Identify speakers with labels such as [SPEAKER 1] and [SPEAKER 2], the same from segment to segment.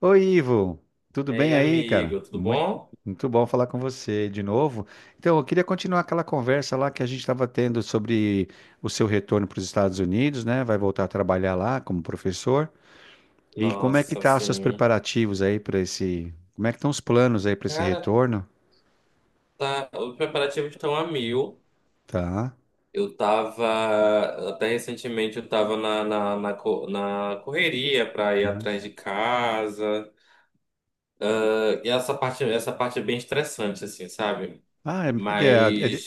[SPEAKER 1] Oi, Ivo, tudo
[SPEAKER 2] E
[SPEAKER 1] bem
[SPEAKER 2] aí,
[SPEAKER 1] aí, cara?
[SPEAKER 2] amigo, tudo
[SPEAKER 1] Muito,
[SPEAKER 2] bom?
[SPEAKER 1] muito bom falar com você de novo. Então, eu queria continuar aquela conversa lá que a gente estava tendo sobre o seu retorno para os Estados Unidos, né? Vai voltar a trabalhar lá como professor. E como é que
[SPEAKER 2] Nossa,
[SPEAKER 1] tá os seus
[SPEAKER 2] assim,
[SPEAKER 1] preparativos aí para esse. Como é que estão os planos aí para esse
[SPEAKER 2] cara,
[SPEAKER 1] retorno?
[SPEAKER 2] tá, os preparativos estão a mil.
[SPEAKER 1] Tá.
[SPEAKER 2] Eu tava, até recentemente, eu tava na correria pra ir
[SPEAKER 1] Uhum.
[SPEAKER 2] atrás de casa. E essa parte é bem estressante, assim, sabe?
[SPEAKER 1] Ah, é, porque é,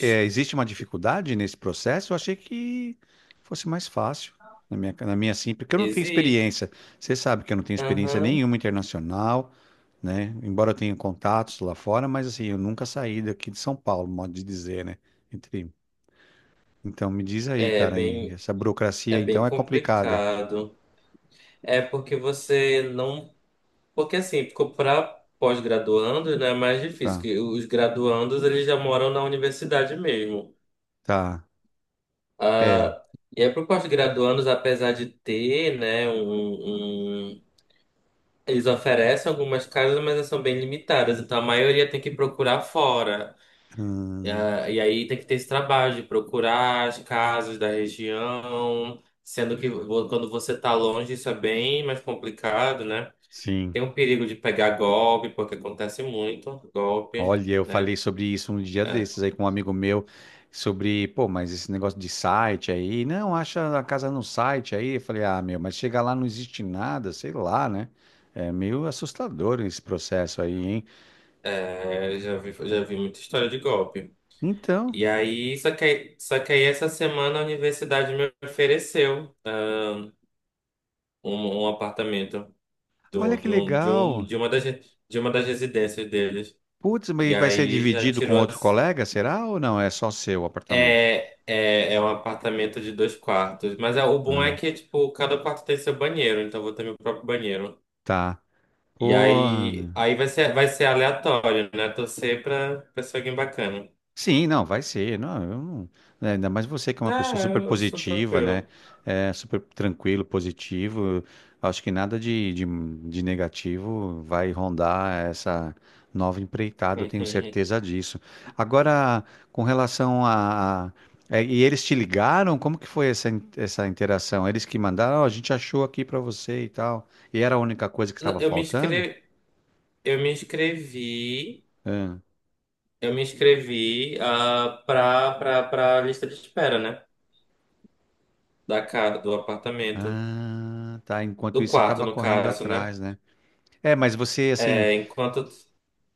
[SPEAKER 1] existe uma dificuldade nesse processo? Eu achei que fosse mais fácil na minha sim, porque eu não tenho
[SPEAKER 2] existe.
[SPEAKER 1] experiência. Você sabe que eu não tenho experiência nenhuma internacional, né? Embora eu tenha contatos lá fora, mas assim, eu nunca saí daqui de São Paulo, modo de dizer, né? Entre- Então me diz aí,
[SPEAKER 2] É
[SPEAKER 1] cara, e
[SPEAKER 2] bem,
[SPEAKER 1] essa
[SPEAKER 2] é
[SPEAKER 1] burocracia então
[SPEAKER 2] bem
[SPEAKER 1] é complicada.
[SPEAKER 2] complicado. É porque você não Porque assim, para pós-graduandos, né, é mais difícil,
[SPEAKER 1] Tá,
[SPEAKER 2] que os graduandos eles já moram na universidade mesmo.
[SPEAKER 1] tá, é.
[SPEAKER 2] Ah, e aí para os pós-graduandos, apesar de ter, né, eles oferecem algumas casas, mas elas são bem limitadas. Então a maioria tem que procurar fora.
[SPEAKER 1] Hum,
[SPEAKER 2] Ah, e aí tem que ter esse trabalho de procurar as casas da região, sendo que quando você está longe isso é bem mais complicado, né?
[SPEAKER 1] sim.
[SPEAKER 2] Tem um perigo de pegar golpe, porque acontece muito golpe,
[SPEAKER 1] Olha, eu falei
[SPEAKER 2] né?
[SPEAKER 1] sobre isso um dia
[SPEAKER 2] É,
[SPEAKER 1] desses aí com um amigo meu, sobre, pô, mas esse negócio de site aí, não, acha a casa no site aí. Eu falei, ah, meu, mas chega lá não existe nada, sei lá, né? É meio assustador esse processo aí, hein?
[SPEAKER 2] já vi muita história de golpe.
[SPEAKER 1] Então,
[SPEAKER 2] E aí, só que aí essa semana a universidade me ofereceu, né, um apartamento do,
[SPEAKER 1] olha que
[SPEAKER 2] de, um, de, um,
[SPEAKER 1] legal.
[SPEAKER 2] de, uma das, de uma das residências deles.
[SPEAKER 1] Putz, mas e
[SPEAKER 2] E
[SPEAKER 1] vai ser
[SPEAKER 2] aí já
[SPEAKER 1] dividido com
[SPEAKER 2] tirou
[SPEAKER 1] outro
[SPEAKER 2] as.
[SPEAKER 1] colega, será ou não? É só seu apartamento?
[SPEAKER 2] É um apartamento de dois quartos. Mas é, o bom é
[SPEAKER 1] Ah,
[SPEAKER 2] que, tipo, cada quarto tem seu banheiro, então eu vou ter meu próprio banheiro.
[SPEAKER 1] tá.
[SPEAKER 2] E
[SPEAKER 1] Porra,
[SPEAKER 2] aí, aí vai ser aleatório, né? Torcer pra ser alguém bacana.
[SPEAKER 1] sim, não, vai ser. Não, eu não, né, ainda mais você que é uma
[SPEAKER 2] Ah,
[SPEAKER 1] pessoa super
[SPEAKER 2] eu sou
[SPEAKER 1] positiva, né?
[SPEAKER 2] tranquilo.
[SPEAKER 1] É, super tranquilo, positivo. Acho que nada de, de negativo vai rondar essa nova empreitada, eu tenho certeza disso. Agora, com relação a. a- é, e eles te ligaram? Como que foi essa interação? Eles que mandaram, "Ó, a gente achou aqui pra você e tal. E era a única coisa que estava
[SPEAKER 2] Eu me
[SPEAKER 1] faltando?
[SPEAKER 2] inscrevi, eu me inscrevi,
[SPEAKER 1] Ah,
[SPEAKER 2] eu me inscrevi ah, pra lista de espera, né? Da casa, do apartamento.
[SPEAKER 1] ah, tá. Enquanto
[SPEAKER 2] Do
[SPEAKER 1] isso, você
[SPEAKER 2] quarto,
[SPEAKER 1] estava
[SPEAKER 2] no
[SPEAKER 1] correndo
[SPEAKER 2] caso, né?
[SPEAKER 1] atrás, né? É, mas você assim,
[SPEAKER 2] É, enquanto.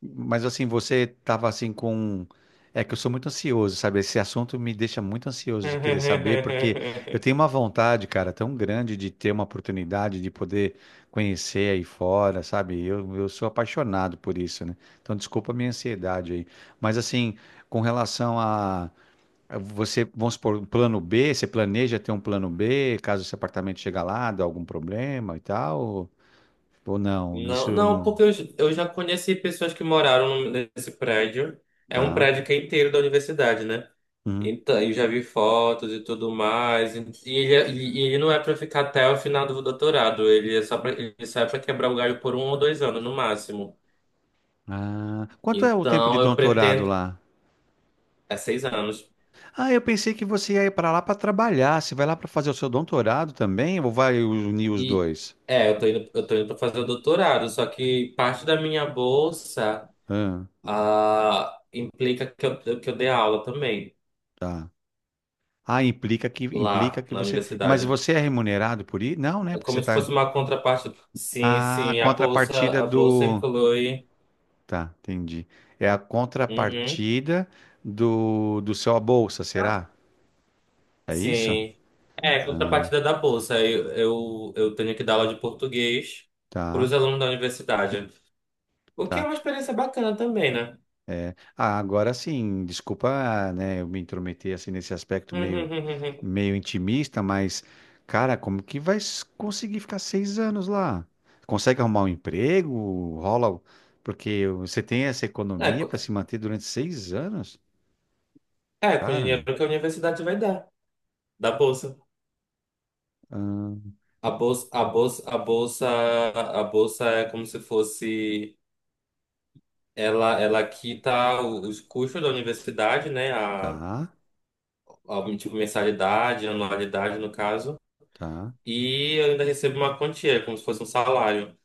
[SPEAKER 1] mas assim, você tava assim com. um, É que eu sou muito ansioso, sabe? Esse assunto me deixa muito ansioso de querer saber, porque eu tenho uma vontade, cara, tão grande de ter uma oportunidade de poder conhecer aí fora, sabe? Eu sou apaixonado por isso, né? Então, desculpa a minha ansiedade aí. Mas assim, com relação a você, vamos supor, um plano B, você planeja ter um plano B, caso esse apartamento chegar lá, dá algum problema e tal? Ou não? Isso
[SPEAKER 2] Não,
[SPEAKER 1] eu
[SPEAKER 2] não,
[SPEAKER 1] não.
[SPEAKER 2] porque eu já conheci pessoas que moraram nesse prédio. É um
[SPEAKER 1] Tá.
[SPEAKER 2] prédio que é inteiro da universidade, né?
[SPEAKER 1] Uhum.
[SPEAKER 2] Então, eu já vi fotos e tudo mais. E ele não é para ficar até o final do doutorado. Ele só é para quebrar o galho por 1 ou 2 anos no máximo.
[SPEAKER 1] Ah, quanto é o tempo de
[SPEAKER 2] Então, eu
[SPEAKER 1] doutorado
[SPEAKER 2] pretendo.
[SPEAKER 1] lá?
[SPEAKER 2] É 6 anos.
[SPEAKER 1] Ah, eu pensei que você ia ir para lá para trabalhar. Você vai lá para fazer o seu doutorado também ou vai unir os
[SPEAKER 2] E
[SPEAKER 1] dois?
[SPEAKER 2] eu tô indo para fazer o doutorado. Só que parte da minha bolsa
[SPEAKER 1] Ah,
[SPEAKER 2] implica que eu dê aula também
[SPEAKER 1] tá. Ah, implica que implica
[SPEAKER 2] lá
[SPEAKER 1] que
[SPEAKER 2] na
[SPEAKER 1] você, mas
[SPEAKER 2] universidade.
[SPEAKER 1] você é remunerado por ir? Não, né?
[SPEAKER 2] É
[SPEAKER 1] Porque você
[SPEAKER 2] como se
[SPEAKER 1] tá
[SPEAKER 2] fosse uma contraparte. Sim,
[SPEAKER 1] ah, a
[SPEAKER 2] sim. A bolsa,
[SPEAKER 1] contrapartida
[SPEAKER 2] a bolsa
[SPEAKER 1] do
[SPEAKER 2] inclui.
[SPEAKER 1] tá, entendi. É a
[SPEAKER 2] Uhum.
[SPEAKER 1] contrapartida do seu a bolsa, será? É isso?
[SPEAKER 2] Sim. É,
[SPEAKER 1] Ah,
[SPEAKER 2] contrapartida da bolsa. Eu tenho que dar aula de português para os
[SPEAKER 1] tá,
[SPEAKER 2] alunos da universidade. O que é
[SPEAKER 1] tá.
[SPEAKER 2] uma experiência bacana também, né?
[SPEAKER 1] Ah, agora sim, desculpa, né, eu me intrometer assim nesse aspecto meio, meio intimista, mas, cara, como que vai conseguir ficar 6 anos lá? Consegue arrumar um emprego? Rola, o- porque você tem essa
[SPEAKER 2] É,
[SPEAKER 1] economia
[SPEAKER 2] co-
[SPEAKER 1] para se manter durante 6 anos?
[SPEAKER 2] é, com o
[SPEAKER 1] Cara,
[SPEAKER 2] dinheiro que a universidade vai dar, da bolsa.
[SPEAKER 1] ah,
[SPEAKER 2] A bolsa, a bolsa, a bolsa, a bolsa é como se fosse, ela quita os custos da universidade, né? A,
[SPEAKER 1] tá,
[SPEAKER 2] a tipo mensalidade, anualidade no caso.
[SPEAKER 1] tá.
[SPEAKER 2] E eu ainda recebo uma quantia, como se fosse um salário.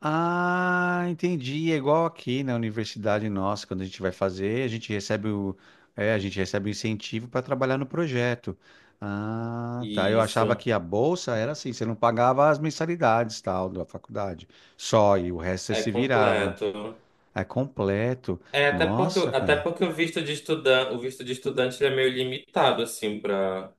[SPEAKER 1] Ah, entendi. É igual aqui na universidade nossa, quando a gente vai fazer, a gente recebe o incentivo para trabalhar no projeto. Ah, tá. Eu achava
[SPEAKER 2] Isso.
[SPEAKER 1] que a bolsa era assim, você não pagava as mensalidades, tal, da faculdade. Só, e o resto você
[SPEAKER 2] É
[SPEAKER 1] se virava.
[SPEAKER 2] completo.
[SPEAKER 1] É completo.
[SPEAKER 2] É, até porque,
[SPEAKER 1] Nossa,
[SPEAKER 2] até
[SPEAKER 1] cara.
[SPEAKER 2] porque o visto de estudante ele é meio limitado, assim, para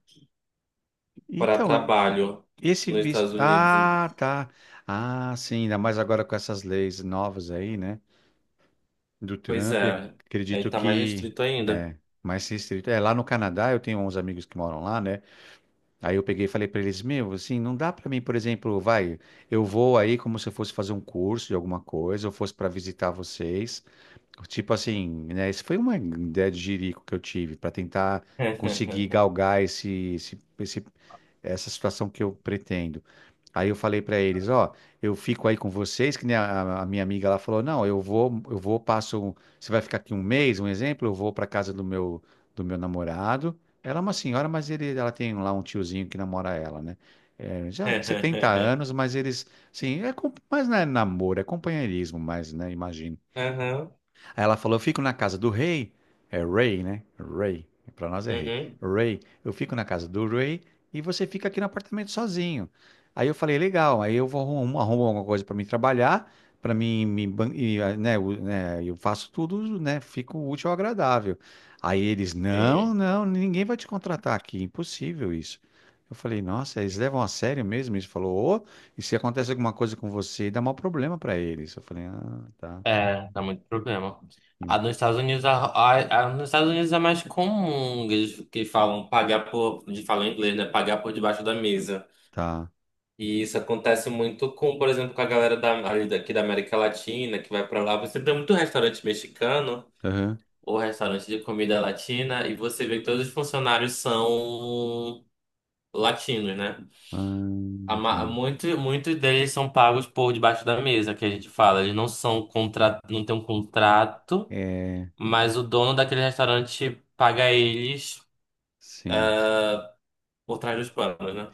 [SPEAKER 2] para
[SPEAKER 1] Então,
[SPEAKER 2] trabalho
[SPEAKER 1] esse
[SPEAKER 2] nos
[SPEAKER 1] visto.
[SPEAKER 2] Estados Unidos.
[SPEAKER 1] Ah, tá. Ah, sim, ainda mais agora com essas leis novas aí, né? Do
[SPEAKER 2] Pois
[SPEAKER 1] Trump, e
[SPEAKER 2] é, aí
[SPEAKER 1] acredito
[SPEAKER 2] tá mais
[SPEAKER 1] que
[SPEAKER 2] restrito ainda.
[SPEAKER 1] é mais restrito. É, lá no Canadá, eu tenho uns amigos que moram lá, né? Aí eu peguei e falei para eles, meu, assim, não dá para mim, por exemplo, vai, eu vou aí como se eu fosse fazer um curso de alguma coisa, eu fosse para visitar vocês. Tipo assim, né? Isso foi uma ideia de jirico que eu tive para tentar conseguir galgar esse, esse, esse essa situação que eu pretendo. Aí eu falei para eles, ó, eu fico aí com vocês, que nem a minha amiga lá falou, não, eu vou, passo, você vai ficar aqui um mês, um exemplo, eu vou para casa do meu namorado. Ela é uma senhora, mas ela tem lá um tiozinho que namora ela, né? É, já 70 anos, mas eles, sim, é, com- mas não é namoro, é companheirismo, mas, né, imagino.
[SPEAKER 2] Aham,
[SPEAKER 1] Aí ela falou: Eu fico na casa do rei. É rei, né? Rei. Pra nós é rei.
[SPEAKER 2] uhum,
[SPEAKER 1] Rei. Eu fico na casa do rei e você fica aqui no apartamento sozinho. Aí eu falei: Legal. Aí eu arrumo alguma coisa pra mim trabalhar, pra mim me, ban- e, ah, né, o- né, eu faço tudo, né? Fico útil ao agradável. Aí eles: Não,
[SPEAKER 2] sim.
[SPEAKER 1] não, ninguém vai te contratar aqui. Impossível isso. Eu falei, nossa, eles levam a sério mesmo isso? Falou, ô, e se acontece alguma coisa com você, dá maior problema pra eles. Eu falei, ah, tá,
[SPEAKER 2] É, dá muito problema. A
[SPEAKER 1] hum,
[SPEAKER 2] nos Estados Unidos, a- nos Estados Unidos é mais comum que eles que falam pagar por, de falar em inglês, né? Pagar por debaixo da mesa.
[SPEAKER 1] tá.
[SPEAKER 2] E isso acontece muito com, por exemplo, com a galera ali daqui da América Latina, que vai pra lá. Você tem muito restaurante mexicano
[SPEAKER 1] Aham.
[SPEAKER 2] ou restaurante de comida latina, e você vê que todos os funcionários são latinos, né?
[SPEAKER 1] Ah,
[SPEAKER 2] A ma-
[SPEAKER 1] entendo.
[SPEAKER 2] Muito, muitos deles são pagos por debaixo da mesa, que a gente fala. Eles não são contra, não tem um contrato,
[SPEAKER 1] É,
[SPEAKER 2] mas o dono daquele restaurante paga eles
[SPEAKER 1] sim.
[SPEAKER 2] por trás dos panos, né?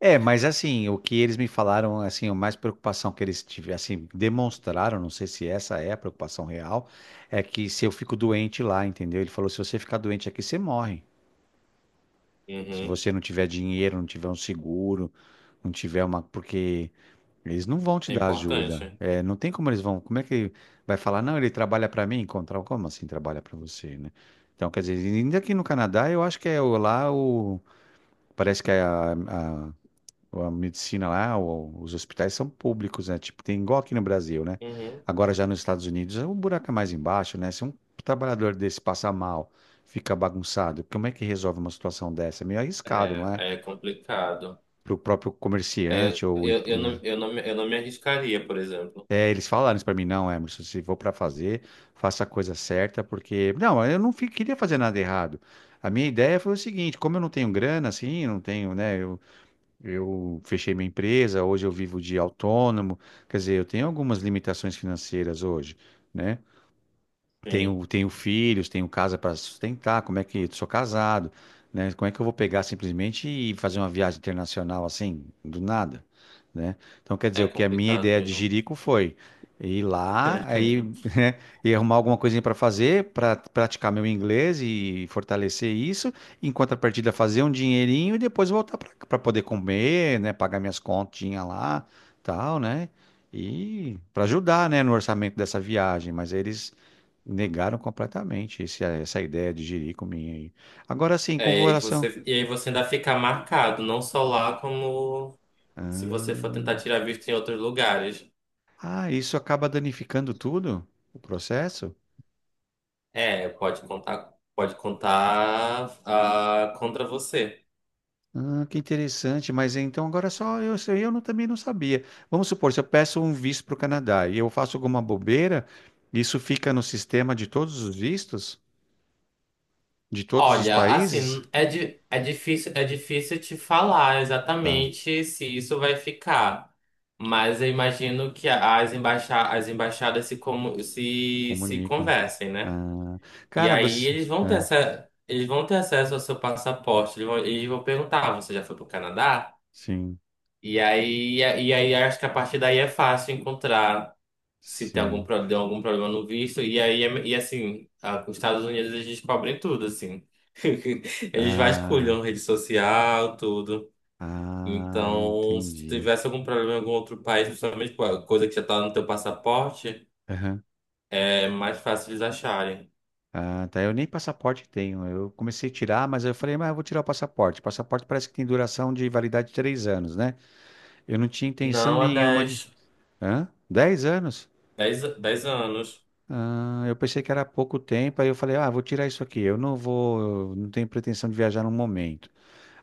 [SPEAKER 1] É, mas assim, o que eles me falaram, assim, a mais preocupação que eles tiveram, assim, demonstraram, não sei se essa é a preocupação real, é que se eu fico doente lá, entendeu? Ele falou, se você ficar doente aqui, você morre. Se
[SPEAKER 2] Uhum.
[SPEAKER 1] você não tiver dinheiro, não tiver um seguro, não tiver uma, porque eles não vão te
[SPEAKER 2] É
[SPEAKER 1] dar ajuda.
[SPEAKER 2] importante.
[SPEAKER 1] É, não tem como eles vão, como é que vai falar, não, ele trabalha pra mim, encontrar, como assim trabalha pra você, né? Então, quer dizer, ainda aqui no Canadá, eu acho que é o- lá o parece que a, medicina lá, o- os hospitais são públicos, né? Tipo, tem igual aqui no Brasil, né?
[SPEAKER 2] Uhum.
[SPEAKER 1] Agora já nos Estados Unidos, o buraco é mais embaixo, né? Se um trabalhador desse passar mal, fica bagunçado, como é que resolve uma situação dessa? É meio arriscado, não
[SPEAKER 2] É,
[SPEAKER 1] é?
[SPEAKER 2] é complicado.
[SPEAKER 1] Para o próprio
[SPEAKER 2] É,
[SPEAKER 1] comerciante
[SPEAKER 2] eu,
[SPEAKER 1] ou,
[SPEAKER 2] eu, eu não,
[SPEAKER 1] né?
[SPEAKER 2] eu não, me- eu não me arriscaria, por exemplo.
[SPEAKER 1] É, eles falaram isso para mim, não, Emerson, se for para fazer, faça a coisa certa, porque não, eu não queria fazer nada errado. A minha ideia foi o seguinte, como eu não tenho grana, assim, não tenho, né? Eu fechei minha empresa, hoje eu vivo de autônomo, quer dizer, eu tenho algumas limitações financeiras hoje, né?
[SPEAKER 2] Sim,
[SPEAKER 1] Tenho filhos, tenho casa para sustentar, como é que sou casado, né? Como é que eu vou pegar simplesmente e fazer uma viagem internacional assim, do nada, né? Então, quer dizer,
[SPEAKER 2] é
[SPEAKER 1] o que a minha
[SPEAKER 2] complicado
[SPEAKER 1] ideia de
[SPEAKER 2] mesmo.
[SPEAKER 1] Jerico foi ir lá, aí, né, e arrumar alguma coisinha para fazer, para praticar meu inglês e fortalecer isso, em contrapartida fazer um dinheirinho e depois voltar para poder comer, né, pagar minhas continhas lá, tal, né? E para ajudar, né, no orçamento dessa viagem, mas eles negaram completamente essa ideia de jirico minha aí. Agora sim, com
[SPEAKER 2] É, e aí você ainda fica marcado, não só lá, como se
[SPEAKER 1] ah,
[SPEAKER 2] você for tentar tirar visto em outros lugares.
[SPEAKER 1] ah, isso acaba danificando tudo? O processo?
[SPEAKER 2] É, pode contar contra você.
[SPEAKER 1] Ah, que interessante, mas então agora só eu, se eu não- também não sabia. Vamos supor, se eu peço um visto para o Canadá e eu faço alguma bobeira, isso fica no sistema de todos os vistos? De todos os
[SPEAKER 2] Olha, assim,
[SPEAKER 1] países?
[SPEAKER 2] é difícil te falar
[SPEAKER 1] Tá,
[SPEAKER 2] exatamente se isso vai ficar, mas eu imagino que as embaixadas se, como se
[SPEAKER 1] comunico.
[SPEAKER 2] conversem, né?
[SPEAKER 1] Ah,
[SPEAKER 2] E
[SPEAKER 1] cara,
[SPEAKER 2] aí
[SPEAKER 1] você.
[SPEAKER 2] eles vão ter
[SPEAKER 1] Ah,
[SPEAKER 2] essa, eles vão ter acesso ao seu passaporte, eles vão perguntar, "Ah, você já foi para o Canadá?
[SPEAKER 1] sim,
[SPEAKER 2] E aí, acho que a partir daí é fácil encontrar se tem algum
[SPEAKER 1] sim.
[SPEAKER 2] problema, deu algum problema no visto. E aí, e assim, os Estados Unidos eles descobrem tudo, assim. Eles
[SPEAKER 1] Ah,
[SPEAKER 2] vasculham rede social, tudo.
[SPEAKER 1] ah,
[SPEAKER 2] Então, se tu
[SPEAKER 1] entendi.
[SPEAKER 2] tivesse algum problema em algum outro país, principalmente com a coisa que já tá no teu passaporte,
[SPEAKER 1] Aham.
[SPEAKER 2] é mais fácil eles acharem.
[SPEAKER 1] Ah, tá. Eu nem passaporte tenho. Eu comecei a tirar, mas eu falei, mas eu vou tirar o passaporte. Passaporte parece que tem duração de validade de 3 anos, né? Eu não tinha intenção
[SPEAKER 2] Não, há
[SPEAKER 1] nenhuma de.
[SPEAKER 2] dez
[SPEAKER 1] Hã? 10 anos?
[SPEAKER 2] dez dez anos.
[SPEAKER 1] Ah, eu pensei que era pouco tempo, aí eu falei, ah, vou tirar isso aqui. Eu não vou, não tenho pretensão de viajar no momento.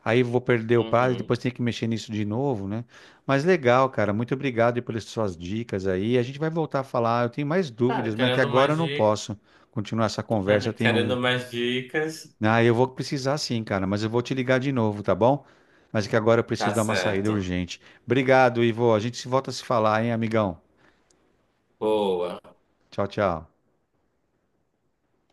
[SPEAKER 1] Aí vou perder o prazo,
[SPEAKER 2] Uhum.
[SPEAKER 1] depois tenho que mexer nisso de novo, né? Mas legal, cara. Muito obrigado aí pelas suas dicas aí. A gente vai voltar a falar. Eu tenho mais
[SPEAKER 2] Cara,
[SPEAKER 1] dúvidas, mas é que
[SPEAKER 2] querendo
[SPEAKER 1] agora eu
[SPEAKER 2] mais
[SPEAKER 1] não
[SPEAKER 2] dicas,
[SPEAKER 1] posso continuar essa conversa. Tem um
[SPEAKER 2] querendo mais dicas,
[SPEAKER 1] ah, eu vou precisar sim, cara, mas eu vou te ligar de novo, tá bom? Mas é que agora eu
[SPEAKER 2] tá
[SPEAKER 1] preciso dar uma saída
[SPEAKER 2] certo.
[SPEAKER 1] urgente. Obrigado, Ivo. A gente se volta a se falar, hein, amigão?
[SPEAKER 2] Boa.
[SPEAKER 1] Tchau, tchau.